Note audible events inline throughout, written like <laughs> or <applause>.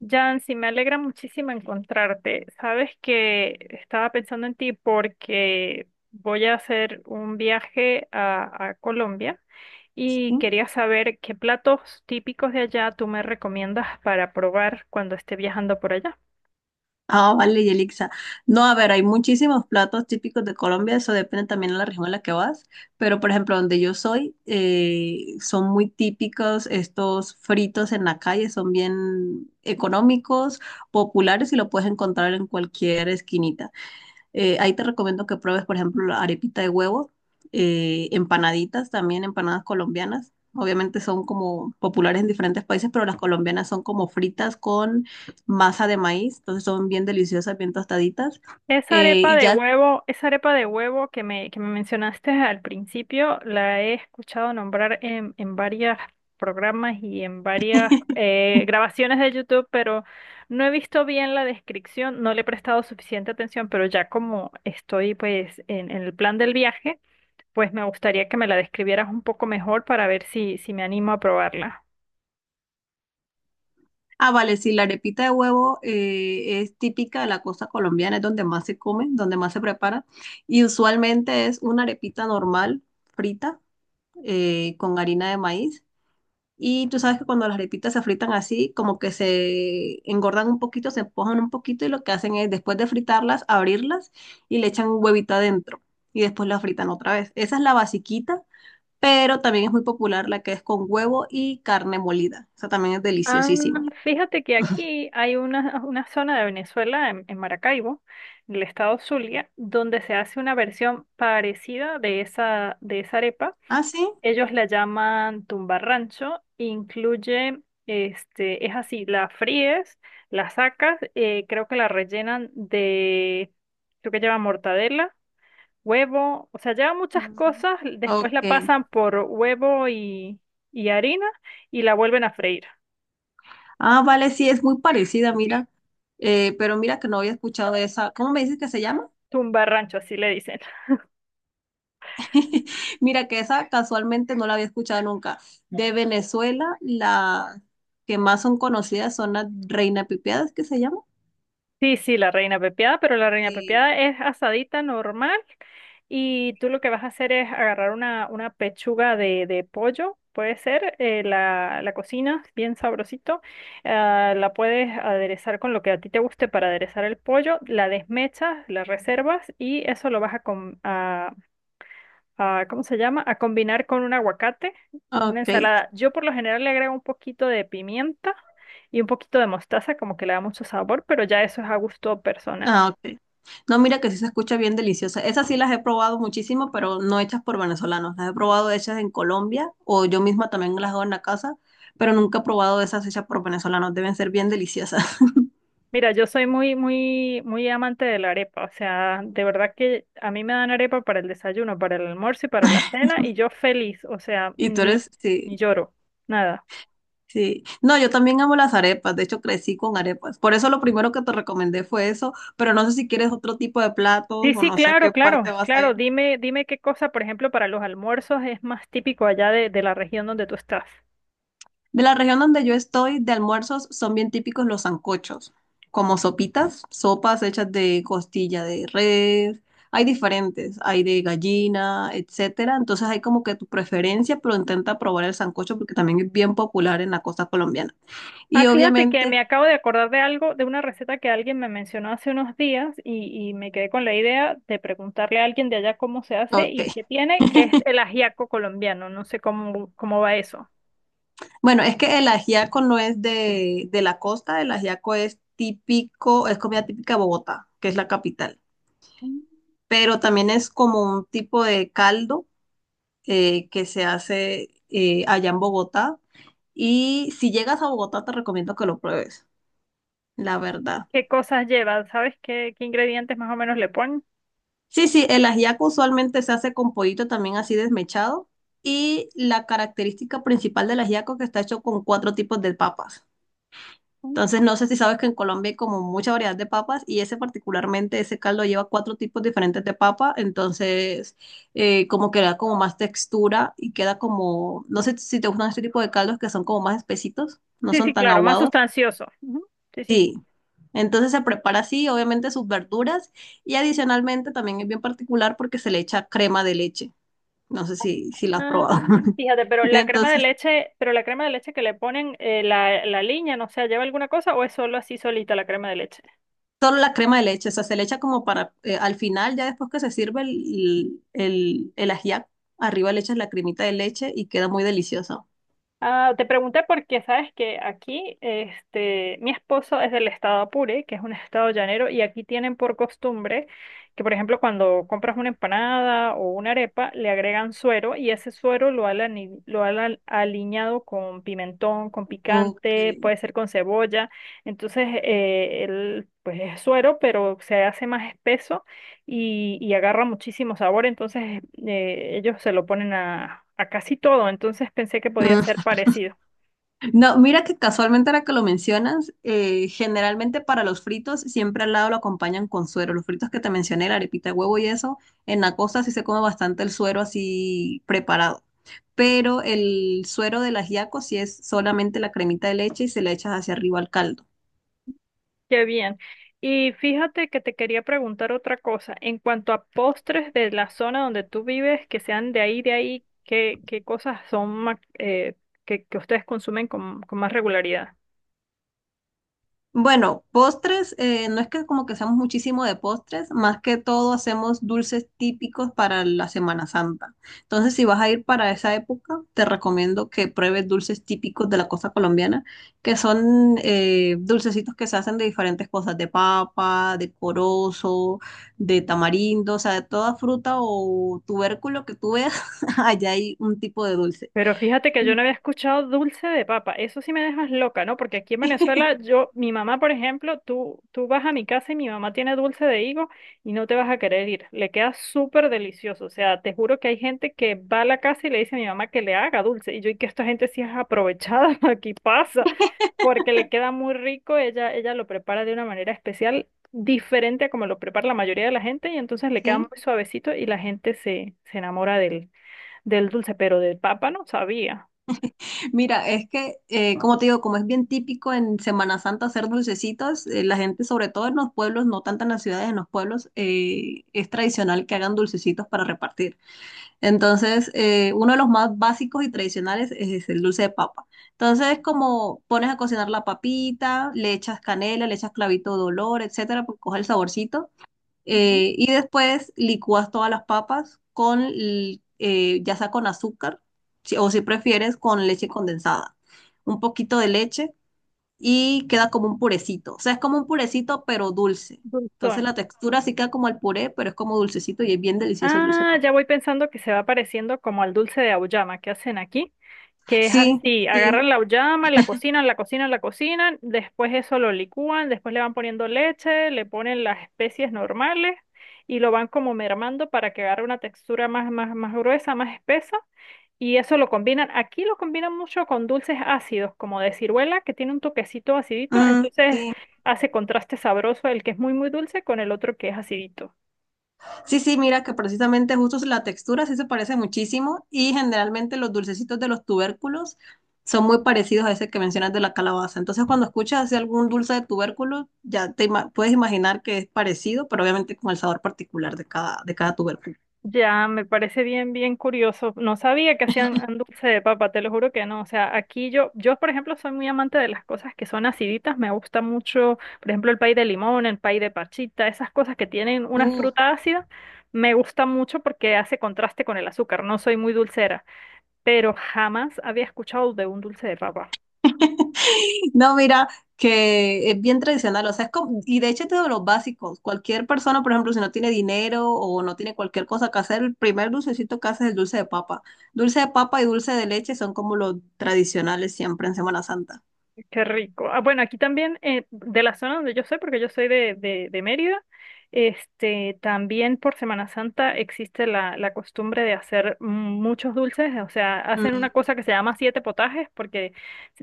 Yancy, me alegra muchísimo encontrarte. Sabes que estaba pensando en ti porque voy a hacer un viaje a Colombia y Sí. quería saber qué platos típicos de allá tú me recomiendas para probar cuando esté viajando por allá. Ah, vale, Yelixa. No, a ver, hay muchísimos platos típicos de Colombia, eso depende también de la región en la que vas, pero por ejemplo, donde yo soy, son muy típicos estos fritos en la calle, son bien económicos, populares y lo puedes encontrar en cualquier esquinita. Ahí te recomiendo que pruebes, por ejemplo, la arepita de huevo, empanaditas también, empanadas colombianas. Obviamente son como populares en diferentes países, pero las colombianas son como fritas con masa de maíz, entonces son bien deliciosas, bien tostaditas. Esa arepa Y de ya, huevo, esa arepa de huevo que me mencionaste al principio, la he escuchado nombrar en varios programas y en varias <laughs> grabaciones de YouTube, pero no he visto bien la descripción, no le he prestado suficiente atención, pero ya como estoy pues en el plan del viaje, pues me gustaría que me la describieras un poco mejor para ver si me animo a probarla. ah, vale, sí, la arepita de huevo es típica de la costa colombiana, es donde más se come, donde más se prepara. Y usualmente es una arepita normal, frita, con harina de maíz. Y tú sabes que cuando las arepitas se fritan así, como que se engordan un poquito, se empujan un poquito y lo que hacen es después de fritarlas, abrirlas y le echan un huevito adentro y después las fritan otra vez. Esa es la basiquita, pero también es muy popular la que es con huevo y carne molida. Esa también es Ah, deliciosísima. fíjate que aquí hay una zona de Venezuela, en Maracaibo, en el estado Zulia, donde se hace una versión parecida de esa arepa. ¿Ah, sí? Ellos la llaman tumbarrancho, incluye, este, es así, la fríes, la sacas, creo que la rellenan de, creo que lleva mortadela, huevo, o sea, lleva muchas Mm. cosas, después la Ok. pasan por huevo y harina y la vuelven a freír. Ah, vale, sí, es muy parecida, mira. Pero mira que no había escuchado de esa. ¿Cómo me dices que se llama? Tumba rancho, así le dicen. <laughs> Mira que esa casualmente no la había escuchado nunca. De Venezuela, las que más son conocidas son las Reina Pipiadas, que se llama. Sí, sí, la reina pepiada, pero la reina Sí. pepiada es asadita normal y tú lo que vas a hacer es agarrar una pechuga de pollo, puede ser, la cocinas bien sabrosito, ah, la puedes aderezar con lo que a ti te guste para aderezar el pollo, la desmechas, la reservas y eso lo vas a, a, ¿cómo se llama? A combinar con un aguacate, una Ok, ensalada. Yo por lo general le agrego un poquito de pimienta y un poquito de mostaza, como que le da mucho sabor, pero ya eso es a gusto personal. ah, ok. No, mira que sí se escucha bien deliciosa. Esas sí las he probado muchísimo, pero no hechas por venezolanos. Las he probado hechas en Colombia o yo misma también las hago en la casa, pero nunca he probado esas hechas por venezolanos. Deben ser bien deliciosas. <laughs> Mira, yo soy muy, muy, muy amante de la arepa, o sea, de verdad que a mí me dan arepa para el desayuno, para el almuerzo y para la cena, y yo feliz, o sea, Y tú ni, eres, ni sí. lloro, nada. Sí, no, yo también amo las arepas, de hecho crecí con arepas, por eso lo primero que te recomendé fue eso, pero no sé si quieres otro tipo de platos Sí, o sí, no sé a claro, qué parte claro, vas a claro. ir. Dime, dime qué cosa, por ejemplo, para los almuerzos es más típico allá de la región donde tú estás. De la región donde yo estoy, de almuerzos son bien típicos los sancochos, como sopitas, sopas hechas de costilla de res, hay diferentes, hay de gallina, etcétera, entonces hay como que tu preferencia, pero intenta probar el sancocho porque también es bien popular en la costa colombiana. Ah, Y fíjate que me obviamente, acabo de acordar de algo, de una receta que alguien me mencionó hace unos días y me quedé con la idea de preguntarle a alguien de allá cómo se hace y ok. qué tiene, que es el ajiaco colombiano. No sé cómo, cómo va eso. Bueno, es que el ajiaco no es de la costa, el ajiaco es típico, es comida típica de Bogotá, que es la capital, Mm. pero también es como un tipo de caldo que se hace allá en Bogotá. Y si llegas a Bogotá, te recomiendo que lo pruebes, la verdad. ¿Qué cosas lleva? ¿Sabes qué, qué ingredientes más o menos le ponen? Sí, sí, el ajiaco usualmente se hace con pollito también así desmechado. Y la característica principal del ajiaco es que está hecho con cuatro tipos de papas. Mm. Entonces, no sé si sabes que en Colombia hay como mucha variedad de papas y ese particularmente, ese caldo lleva cuatro tipos diferentes de papa, entonces como que da como más textura y queda como, no sé si te gustan este tipo de caldos que son como más espesitos, no Sí, son sí, tan Sí. claro, más aguados. sustancioso. Ujú, sí, sí. Sí. Entonces se prepara así, obviamente sus verduras y adicionalmente también es bien particular porque se le echa crema de leche. No sé si la has Ah, probado. <laughs> fíjate, pero la crema de Entonces leche, pero la crema de leche que le ponen, la liña, no sé, ¿lleva alguna cosa o es solo así solita la crema de leche? solo la crema de leche, o sea, se le echa como para, al final, ya después que se sirve el ajiaco, arriba le echas la cremita de leche y queda muy delicioso. Ah, te pregunté porque sabes que aquí, este, mi esposo es del estado Apure, que es un estado llanero, y aquí tienen por costumbre que, por ejemplo, cuando compras una empanada o una arepa, le agregan suero y ese suero lo han, lo han aliñado con pimentón, con picante, Ok. puede ser con cebolla. Entonces, el, pues es suero, pero se hace más espeso y agarra muchísimo sabor, entonces ellos se lo ponen a casi todo, entonces pensé que podía ser Mm. parecido. No, mira que casualmente ahora que lo mencionas, generalmente para los fritos siempre al lado lo acompañan con suero. Los fritos que te mencioné, la arepita de huevo y eso, en la costa sí se come bastante el suero así preparado. Pero el suero del ajiaco sí es solamente la cremita de leche y se le echas hacia arriba al caldo. Qué bien. Y fíjate que te quería preguntar otra cosa, en cuanto a postres de la zona donde tú vives, que sean de ahí, ¿qué, qué cosas son que ustedes consumen con más regularidad? Bueno, postres, no es que como que hacemos muchísimo de postres, más que todo hacemos dulces típicos para la Semana Santa. Entonces, si vas a ir para esa época, te recomiendo que pruebes dulces típicos de la costa colombiana, que son dulcecitos que se hacen de diferentes cosas, de papa, de corozo, de tamarindo, o sea, de toda fruta o tubérculo que tú veas, <laughs> allá hay un tipo de dulce. Pero fíjate que yo no había escuchado dulce de papa. Eso sí me dejas loca, ¿no? Porque aquí en Venezuela, <laughs> yo, mi mamá, por ejemplo, tú vas a mi casa y mi mamá tiene dulce de higo y no te vas a querer ir. Le queda súper delicioso. O sea, te juro que hay gente que va a la casa y le dice a mi mamá que le haga dulce. Y yo, y que esta gente sí es aprovechada, <laughs> aquí pasa, porque le queda muy rico. Ella lo prepara de una manera especial, diferente a como lo prepara la mayoría de la gente, y entonces le queda muy ¿Sí? suavecito y la gente se, se enamora de él. Del dulce, pero de papa no sabía. Mira, es como te digo, como es bien típico en Semana Santa hacer dulcecitos, la gente, sobre todo en los pueblos, no tanto en las ciudades, en los pueblos, es tradicional que hagan dulcecitos para repartir. Entonces, uno de los más básicos y tradicionales es el dulce de papa. Entonces, como pones a cocinar la papita, le echas canela, le echas clavito de olor, etcétera, pues coge el saborcito. Ujú. Y después licúas todas las papas ya sea con azúcar, o si prefieres, con leche condensada. Un poquito de leche y queda como un purecito. O sea, es como un purecito, pero dulce. Dulzón. Entonces la textura sí queda como el puré, pero es como dulcecito y es bien delicioso el dulce de Ah, papa. ya voy pensando que se va pareciendo como al dulce de auyama que hacen aquí, que es Sí, así, sí, agarran la auyama, la cocinan, la cocinan, la cocinan, después eso lo licúan, después le van poniendo leche, le ponen las especies normales y lo van como mermando para que agarre una textura más, más, más gruesa, más espesa. Y eso lo combinan, aquí lo combinan mucho con dulces ácidos, como de ciruela, que tiene un toquecito acidito, mm, entonces sí. hace contraste sabroso el que es muy, muy dulce con el otro que es acidito. Sí, sí, mira que precisamente justo la textura sí se parece muchísimo y generalmente los dulcecitos de los tubérculos son muy parecidos a ese que mencionas de la calabaza. Entonces, cuando escuchas así algún dulce de tubérculo, ya te puedes imaginar que es parecido, pero obviamente con el sabor particular de de cada tubérculo. Ya, me parece bien, bien curioso. No sabía que hacían dulce de papa, te lo juro que no. O sea, aquí yo, yo por ejemplo, soy muy amante de las cosas que son aciditas. Me gusta mucho, por ejemplo, el pay de limón, el pay de parchita, esas cosas que tienen una fruta ácida, me gusta mucho porque hace contraste con el azúcar. No soy muy dulcera, pero jamás había escuchado de un dulce de papa. <laughs> No, mira, que es bien tradicional, o sea, es como, y de hecho es de los básicos. Cualquier persona, por ejemplo, si no tiene dinero o no tiene cualquier cosa que hacer, el primer dulcecito que hace es el dulce de papa. Dulce de papa y dulce de leche son como los tradicionales siempre en Semana Santa. Qué rico. Ah, bueno, aquí también, de la zona donde yo soy, porque yo soy de Mérida, este, también por Semana Santa existe la, la costumbre de hacer muchos dulces, o sea, hacen Mm, una cosa que se llama siete potajes, porque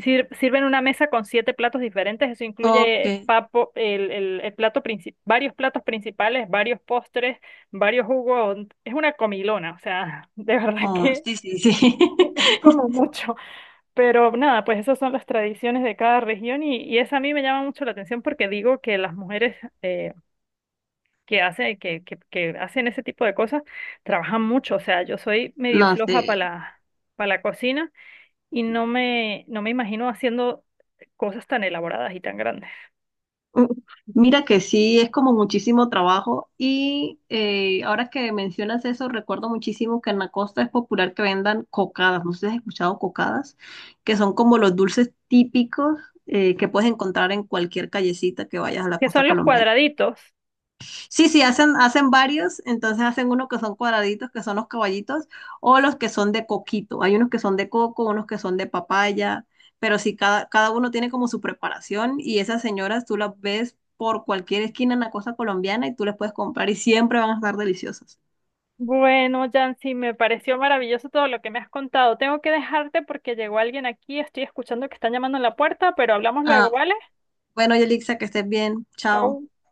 sirven una mesa con siete platos diferentes, eso ok, incluye papo, el plato principal, varios platos principales, varios postres, varios jugos, es una comilona, o sea, <laughs> de verdad oh, que sí, sí, sí. es <laughs> como mucho. Pero nada, pues esas son las tradiciones de cada región y esa a mí me llama mucho la atención porque digo que las mujeres que hacen ese tipo de cosas trabajan mucho. O sea, yo soy medio No floja para sí. Para la cocina y no me, no me imagino haciendo cosas tan elaboradas y tan grandes. Mm. Mira que sí, es como muchísimo trabajo y ahora que mencionas eso, recuerdo muchísimo que en la costa es popular que vendan cocadas, no sé si has escuchado cocadas, que son como los dulces típicos que puedes encontrar en cualquier callecita que vayas a la ¿Qué costa son los colombiana. cuadraditos? Sí, sí, hacen varios, entonces hacen unos que son cuadraditos, que son los caballitos, o los que son de coquito. Hay unos que son de coco, unos que son de papaya, pero sí, cada uno tiene como su preparación y esas señoras tú las ves por cualquier esquina en la costa colombiana y tú les puedes comprar y siempre van a estar deliciosas. Bueno, Jancy, me pareció maravilloso todo lo que me has contado. Tengo que dejarte porque llegó alguien aquí, estoy escuchando que están llamando en la puerta, pero hablamos luego, Ah, ¿vale? bueno, Yelixa, que estés bien. Chao. Chau.